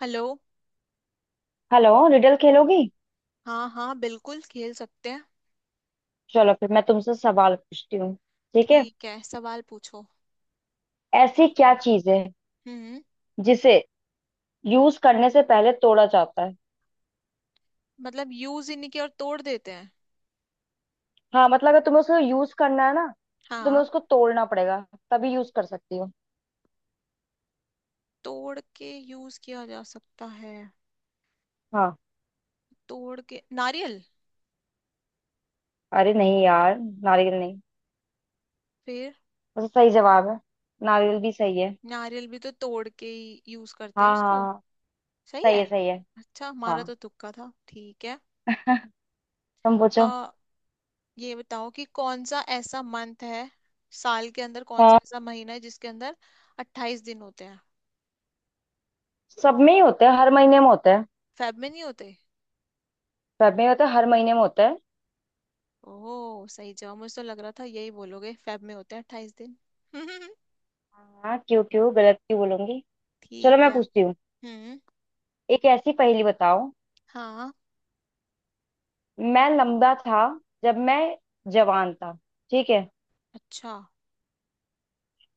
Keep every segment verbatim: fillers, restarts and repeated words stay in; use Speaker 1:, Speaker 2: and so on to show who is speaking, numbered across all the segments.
Speaker 1: Hello.
Speaker 2: Hello. Riddle खेलोगी?
Speaker 1: हाँ हाँ बिल्कुल खेल सकते हैं।
Speaker 2: चलो फिर मैं तुमसे सवाल पूछती हूँ। ठीक है।
Speaker 1: ठीक है, सवाल पूछो।
Speaker 2: ऐसी क्या चीज है
Speaker 1: हम्म।
Speaker 2: जिसे यूज करने से पहले तोड़ा जाता है?
Speaker 1: मतलब यूज ही नहीं किया और तोड़ देते हैं?
Speaker 2: हाँ, मतलब अगर तुम्हें उसको यूज करना है ना, तो तुम्हें
Speaker 1: हाँ।
Speaker 2: उसको तोड़ना पड़ेगा, तभी यूज कर सकती हो।
Speaker 1: तोड़ के यूज किया जा सकता है।
Speaker 2: हाँ।
Speaker 1: तोड़ के नारियल।
Speaker 2: अरे नहीं यार, नारियल नहीं।
Speaker 1: फिर?
Speaker 2: वैसे सही जवाब है, नारियल भी सही है।
Speaker 1: नारियल भी तो तोड़ के ही यूज करते हैं
Speaker 2: हाँ हाँ
Speaker 1: उसको।
Speaker 2: हाँ।
Speaker 1: सही
Speaker 2: सही
Speaker 1: है।
Speaker 2: है, सही है।
Speaker 1: अच्छा, हमारा
Speaker 2: हाँ।
Speaker 1: तो तुक्का था। ठीक है।
Speaker 2: तुम पूछो।
Speaker 1: आ, ये बताओ कि कौन सा ऐसा मंथ है, साल के अंदर कौन सा
Speaker 2: हाँ।
Speaker 1: ऐसा महीना है जिसके अंदर अट्ठाईस दिन होते हैं।
Speaker 2: सब में ही होते हैं, हर महीने में होते हैं।
Speaker 1: फेब में नहीं होते।
Speaker 2: सब में होते हैं, हर महीने में होते हैं।
Speaker 1: ओह सही जवाब, मुझे तो लग रहा था यही बोलोगे फेब में होते हैं अट्ठाईस दिन।
Speaker 2: हाँ, क्यों? क्यों गलत क्यों बोलूंगी? चलो
Speaker 1: ठीक
Speaker 2: मैं
Speaker 1: है।
Speaker 2: पूछती हूँ।
Speaker 1: हम्म।
Speaker 2: एक ऐसी पहेली बताओ।
Speaker 1: हाँ।
Speaker 2: मैं
Speaker 1: पु-
Speaker 2: लंबा था जब मैं जवान था। ठीक है।
Speaker 1: अच्छा।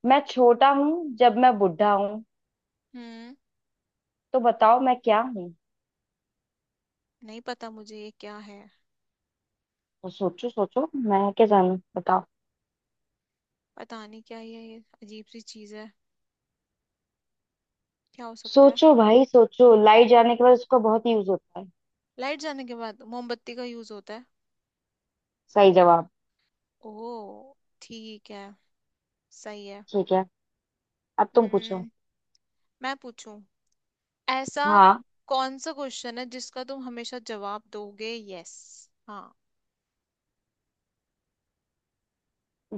Speaker 2: मैं छोटा हूँ जब मैं बुढ़ा हूँ।
Speaker 1: हम्म।
Speaker 2: तो बताओ मैं क्या हूँ?
Speaker 1: नहीं पता मुझे ये क्या है।
Speaker 2: तो सोचो सोचो, मैं क्या जानू, बताओ।
Speaker 1: पता नहीं क्या ये ये अजीब सी चीज है। क्या हो सकता है?
Speaker 2: सोचो भाई सोचो, लाइट जाने के बाद उसका बहुत यूज होता है।
Speaker 1: लाइट जाने के बाद मोमबत्ती का यूज होता है।
Speaker 2: सही जवाब।
Speaker 1: ओह। ठीक है। सही है।
Speaker 2: ठीक है, अब तुम पूछो।
Speaker 1: हम्म। मैं पूछूं? ऐसा
Speaker 2: हाँ।
Speaker 1: कौन सा क्वेश्चन है जिसका तुम हमेशा जवाब दोगे यस? हाँ।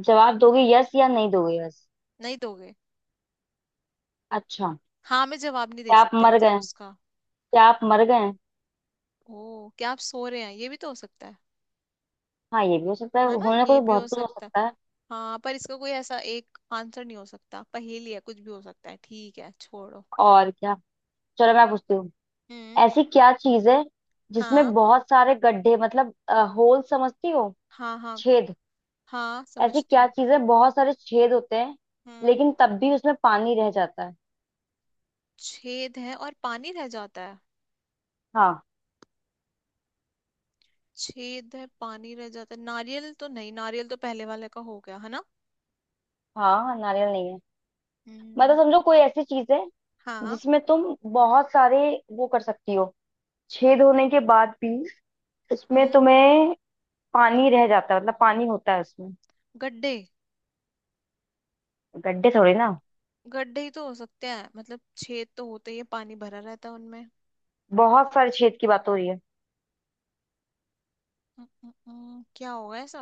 Speaker 2: जवाब दोगे यस या नहीं दोगे यस?
Speaker 1: नहीं दोगे।
Speaker 2: अच्छा।
Speaker 1: हाँ में जवाब नहीं दे
Speaker 2: क्या आप
Speaker 1: सकते
Speaker 2: मर
Speaker 1: मतलब
Speaker 2: गए?
Speaker 1: उसका।
Speaker 2: क्या आप मर गए?
Speaker 1: ओ, क्या आप सो रहे हैं, ये भी तो हो सकता है।
Speaker 2: हाँ, ये भी हो सकता है,
Speaker 1: है ना,
Speaker 2: होने को
Speaker 1: ये
Speaker 2: तो
Speaker 1: भी हो
Speaker 2: बहुत कुछ हो
Speaker 1: सकता है।
Speaker 2: सकता है।
Speaker 1: हाँ पर इसका कोई ऐसा एक आंसर नहीं हो सकता, पहेली है कुछ भी हो सकता है। ठीक है, छोड़ो।
Speaker 2: और क्या। चलो मैं पूछती हूँ।
Speaker 1: हम्म।
Speaker 2: ऐसी क्या चीज है जिसमें
Speaker 1: हाँ
Speaker 2: बहुत सारे गड्ढे, मतलब होल समझती हो,
Speaker 1: हाँ हाँ।
Speaker 2: छेद।
Speaker 1: हाँ
Speaker 2: ऐसी
Speaker 1: समझती
Speaker 2: क्या
Speaker 1: हूँ।
Speaker 2: चीज है बहुत सारे छेद होते हैं,
Speaker 1: हम्म।
Speaker 2: लेकिन तब भी उसमें पानी रह जाता है।
Speaker 1: छेद है और पानी रह जाता है?
Speaker 2: हाँ।
Speaker 1: छेद है पानी रह जाता है। नारियल तो नहीं, नारियल तो पहले वाले का हो गया है ना।
Speaker 2: हाँ, नारियल नहीं है।
Speaker 1: हम्म।
Speaker 2: मतलब समझो, कोई ऐसी चीज है
Speaker 1: हाँ।
Speaker 2: जिसमें तुम बहुत सारे वो कर सकती हो, छेद होने के बाद भी उसमें
Speaker 1: हम्म।
Speaker 2: तुम्हें पानी रह जाता है, मतलब पानी होता है उसमें।
Speaker 1: गड्ढे।
Speaker 2: गड्ढे थोड़े ना,
Speaker 1: गड्ढे ही तो हो सकते हैं, मतलब छेद तो होते ही है पानी भरा रहता है उनमें।
Speaker 2: बहुत सारे छेद की बात हो रही है।
Speaker 1: हम्म, हम्म, हम्म, क्या होगा ऐसा?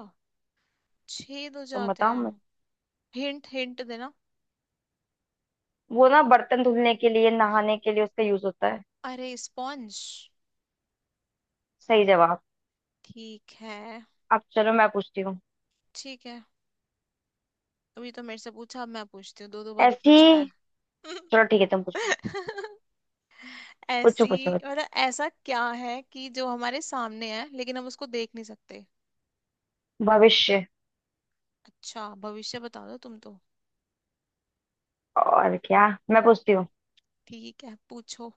Speaker 1: छेद हो
Speaker 2: तुम
Speaker 1: जाते
Speaker 2: बताओ। मैं,
Speaker 1: हैं। हिंट हिंट देना।
Speaker 2: वो ना, बर्तन धुलने के लिए, नहाने के लिए उसका यूज होता है।
Speaker 1: अरे स्पॉन्ज।
Speaker 2: सही जवाब।
Speaker 1: ठीक है।
Speaker 2: अब चलो मैं पूछती हूँ।
Speaker 1: ठीक है, अभी तो मेरे से पूछा अब मैं पूछती हूँ, दो दो बारी
Speaker 2: ऐसी,
Speaker 1: पूछना है।
Speaker 2: चलो ठीक है तुम पूछो। पूछो
Speaker 1: ऐसी।
Speaker 2: पूछो पूछो
Speaker 1: मतलब ऐसा क्या है कि जो हमारे सामने है लेकिन हम उसको देख नहीं सकते?
Speaker 2: भविष्य।
Speaker 1: अच्छा, भविष्य बता दो तुम तो।
Speaker 2: और क्या, मैं पूछती हूँ।
Speaker 1: ठीक है, पूछो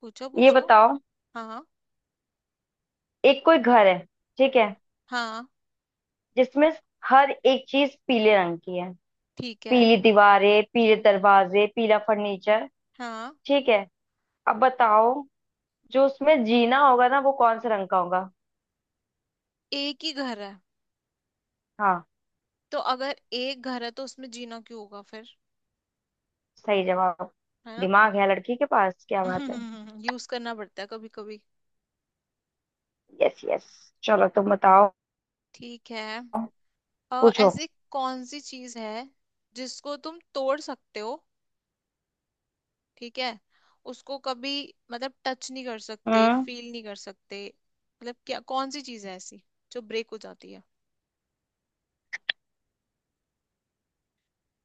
Speaker 1: पूछो
Speaker 2: ये
Speaker 1: पूछो।
Speaker 2: बताओ,
Speaker 1: हाँ।
Speaker 2: एक कोई घर है, ठीक है,
Speaker 1: हाँ।
Speaker 2: जिसमें हर एक चीज पीले रंग की है,
Speaker 1: ठीक है।
Speaker 2: पीली दीवारें, पीले दरवाजे, पीला फर्नीचर।
Speaker 1: हाँ।
Speaker 2: ठीक है, अब बताओ, जो उसमें जीना होगा ना, वो कौन से रंग का होगा?
Speaker 1: एक ही घर है?
Speaker 2: हाँ।
Speaker 1: तो अगर एक घर है तो उसमें जीना क्यों होगा फिर।
Speaker 2: सही जवाब।
Speaker 1: है ना?
Speaker 2: दिमाग है लड़की के पास, क्या बात है।
Speaker 1: यूज करना पड़ता है कभी कभी।
Speaker 2: Yes yes. चलो तुम बताओ।
Speaker 1: ठीक है। अ,
Speaker 2: पूछो।
Speaker 1: ऐसी कौन सी चीज है जिसको तुम तोड़ सकते हो, ठीक है, उसको कभी मतलब टच नहीं कर सकते
Speaker 2: हम्म।
Speaker 1: फील नहीं कर सकते। मतलब क्या, कौन सी चीज है ऐसी जो ब्रेक हो जाती है?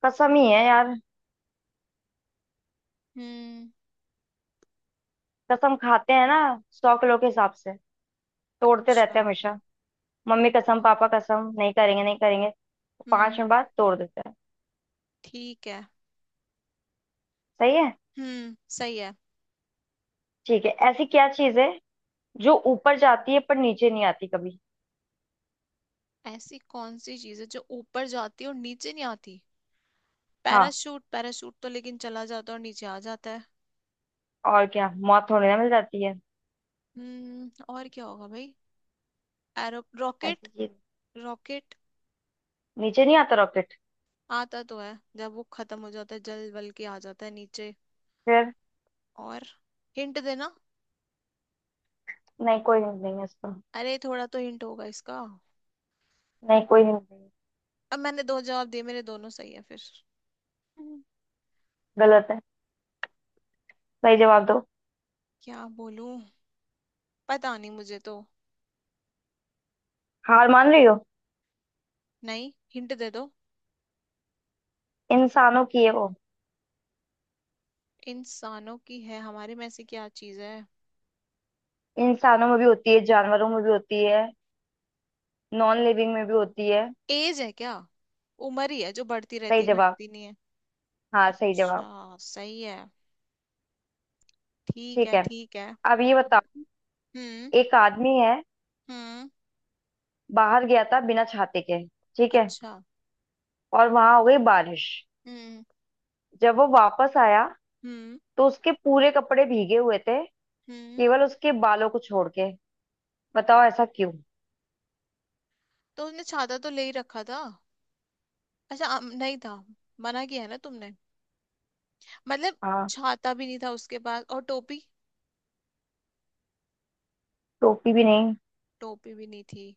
Speaker 2: कसम ही है यार।
Speaker 1: हम्म।
Speaker 2: कसम खाते हैं ना, सौ किलो के हिसाब से तोड़ते रहते हैं
Speaker 1: अच्छा।
Speaker 2: हमेशा। मम्मी कसम, पापा कसम, नहीं करेंगे नहीं करेंगे,
Speaker 1: हम्म।
Speaker 2: पांच मिनट
Speaker 1: हम्म।
Speaker 2: बाद तोड़ देते हैं।
Speaker 1: ठीक है।
Speaker 2: सही है।
Speaker 1: हम्म, सही है।
Speaker 2: ठीक है, ऐसी क्या चीज है जो ऊपर जाती है पर नीचे नहीं आती कभी?
Speaker 1: ऐसी कौन सी चीज है जो ऊपर जाती है और नीचे नहीं आती?
Speaker 2: हाँ,
Speaker 1: पैराशूट। पैराशूट तो लेकिन चला जाता है और नीचे आ जाता है।
Speaker 2: और क्या, मौत होने में मिल जाती है।
Speaker 1: हम्म, और क्या होगा भाई। Arrow rocket.
Speaker 2: ऐसी चीज।
Speaker 1: रॉकेट।
Speaker 2: नीचे नहीं आता रॉकेट।
Speaker 1: आता तो है, जब वो खत्म हो जाता है जल वल के आ जाता है नीचे।
Speaker 2: फिर?
Speaker 1: और? हिंट देना।
Speaker 2: नहीं, कोई हिंट नहीं है इसको।
Speaker 1: अरे थोड़ा तो हिंट होगा इसका।
Speaker 2: नहीं, कोई हिंट नहीं है।
Speaker 1: अब मैंने दो जवाब दिए, मेरे दोनों सही है फिर। हम्म।
Speaker 2: गलत है, सही जवाब दो।
Speaker 1: क्या बोलूं, पता नहीं मुझे तो।
Speaker 2: हार मान रही हो?
Speaker 1: नहीं, हिंट दे दो।
Speaker 2: इंसानों की है वो।
Speaker 1: इंसानों की है, हमारे में ऐसी क्या चीज है?
Speaker 2: इंसानों में भी होती है, जानवरों में भी होती है, नॉन लिविंग में भी होती है।
Speaker 1: एज है क्या? उम्र ही है जो बढ़ती रहती
Speaker 2: सही
Speaker 1: है
Speaker 2: जवाब।
Speaker 1: घटती नहीं है।
Speaker 2: हाँ, सही जवाब।
Speaker 1: अच्छा सही है। ठीक
Speaker 2: ठीक
Speaker 1: है
Speaker 2: है,
Speaker 1: ठीक है।
Speaker 2: अब ये बताओ।
Speaker 1: हम्म।
Speaker 2: एक आदमी है,
Speaker 1: हम्म।
Speaker 2: बाहर गया था बिना छाते के, ठीक है,
Speaker 1: अच्छा।
Speaker 2: और वहां हो गई बारिश।
Speaker 1: हम्म।
Speaker 2: जब वो वापस आया
Speaker 1: हम्म।
Speaker 2: तो उसके पूरे कपड़े भीगे हुए थे,
Speaker 1: हम्म।
Speaker 2: केवल उसके बालों को छोड़ के। बताओ ऐसा क्यों?
Speaker 1: तो उसने छाता तो ले ही रखा था। अच्छा अम, नहीं था। मना किया है ना तुमने। मतलब,
Speaker 2: आ,
Speaker 1: छाता भी नहीं था उसके पास और टोपी?
Speaker 2: टोपी भी नहीं।
Speaker 1: टोपी भी नहीं थी।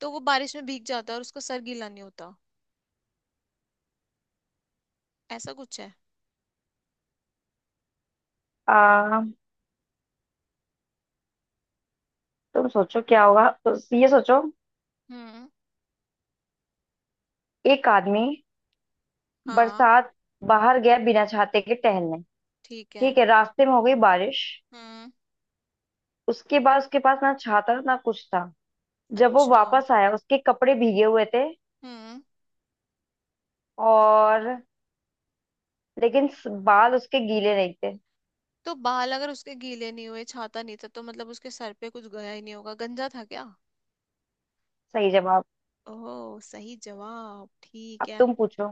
Speaker 1: तो वो बारिश में भीग जाता और उसका सर गीला नहीं होता, ऐसा कुछ है?
Speaker 2: आ, तुम सोचो क्या होगा उस- ये सोचो।
Speaker 1: हम्म।
Speaker 2: एक आदमी,
Speaker 1: हाँ।
Speaker 2: बरसात, बाहर गया बिना छाते के टहलने,
Speaker 1: ठीक है।
Speaker 2: ठीक है, रास्ते में हो गई बारिश,
Speaker 1: हम्म।
Speaker 2: उसके बाद उसके पास ना छाता ना कुछ था। जब वो
Speaker 1: अच्छा।
Speaker 2: वापस आया उसके कपड़े भीगे हुए थे,
Speaker 1: हम्म।
Speaker 2: और, लेकिन स- बाल उसके गीले नहीं थे।
Speaker 1: तो बाल अगर उसके गीले नहीं हुए छाता नहीं था तो मतलब उसके सर पे कुछ गया ही नहीं होगा, गंजा था क्या?
Speaker 2: सही जवाब।
Speaker 1: ओह सही जवाब, ठीक
Speaker 2: अब
Speaker 1: है।
Speaker 2: तुम पूछो।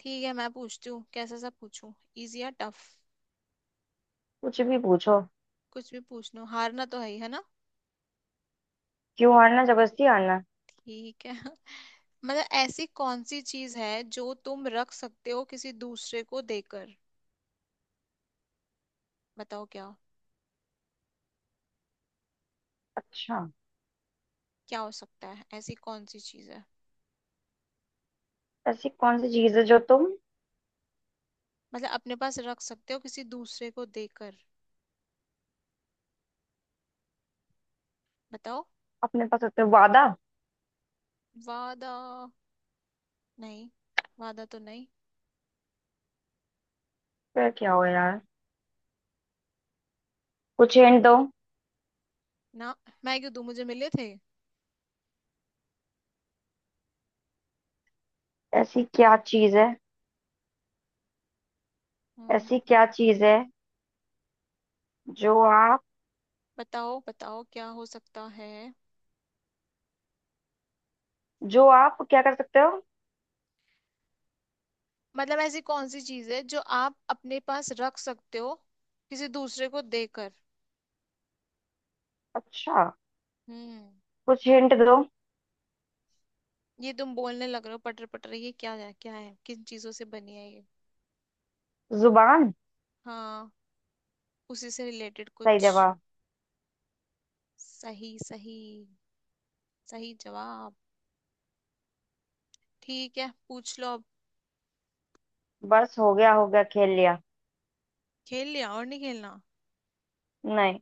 Speaker 1: ठीक है, मैं पूछती हूँ, कैसा सा पूछूं, इजी या टफ?
Speaker 2: कुछ भी पूछो।
Speaker 1: कुछ भी पूछ लो, हारना तो है ही है ना।
Speaker 2: क्यों हारना, जबरदस्ती हारना।
Speaker 1: ठीक है। मतलब ऐसी कौन सी चीज है जो तुम रख सकते हो किसी दूसरे को देकर? बताओ क्या?
Speaker 2: अच्छा,
Speaker 1: क्या हो सकता है, ऐसी कौन सी चीज है?
Speaker 2: ऐसी कौन सी चीज है जो तुम
Speaker 1: मतलब अपने पास रख सकते हो किसी दूसरे को देकर। बताओ।
Speaker 2: अपने पास रखते हो? वादा।
Speaker 1: वादा? नहीं। वादा तो नहीं।
Speaker 2: फिर क्या हो यार, कुछ हिंट दो।
Speaker 1: ना, मैं क्यों दूं मुझे मिले थे।
Speaker 2: ऐसी क्या चीज है, ऐसी
Speaker 1: हम्म।
Speaker 2: क्या चीज है जो आप,
Speaker 1: बताओ बताओ क्या हो सकता है।
Speaker 2: जो आप क्या कर सकते हो?
Speaker 1: मतलब ऐसी कौन सी चीज है जो आप अपने पास रख सकते हो किसी दूसरे को देकर?
Speaker 2: अच्छा,
Speaker 1: हम्म।
Speaker 2: कुछ हिंट दो।
Speaker 1: ये तुम बोलने लग रहे हो पटर पटर, ये क्या है, क्या है, किन चीजों से बनी है ये?
Speaker 2: जुबान।
Speaker 1: हाँ। उसी से रिलेटेड
Speaker 2: सही
Speaker 1: कुछ।
Speaker 2: जवाब।
Speaker 1: सही सही। सही जवाब। ठीक है, पूछ लो अब।
Speaker 2: बस, हो गया, हो गया, खेल लिया।
Speaker 1: खेल लिया और नहीं खेलना?
Speaker 2: नहीं।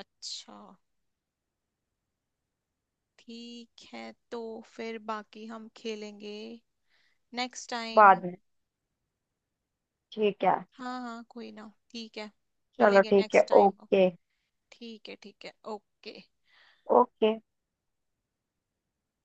Speaker 1: अच्छा। ठीक है। तो फिर बाकी हम खेलेंगे नेक्स्ट टाइम।
Speaker 2: बाद में। ठीक है।
Speaker 1: हाँ हाँ कोई ना, ठीक है।
Speaker 2: चलो
Speaker 1: मिलेंगे
Speaker 2: ठीक
Speaker 1: नेक्स्ट
Speaker 2: है,
Speaker 1: टाइम।
Speaker 2: ओके।
Speaker 1: ठीक है ठीक है ओके।
Speaker 2: ओके।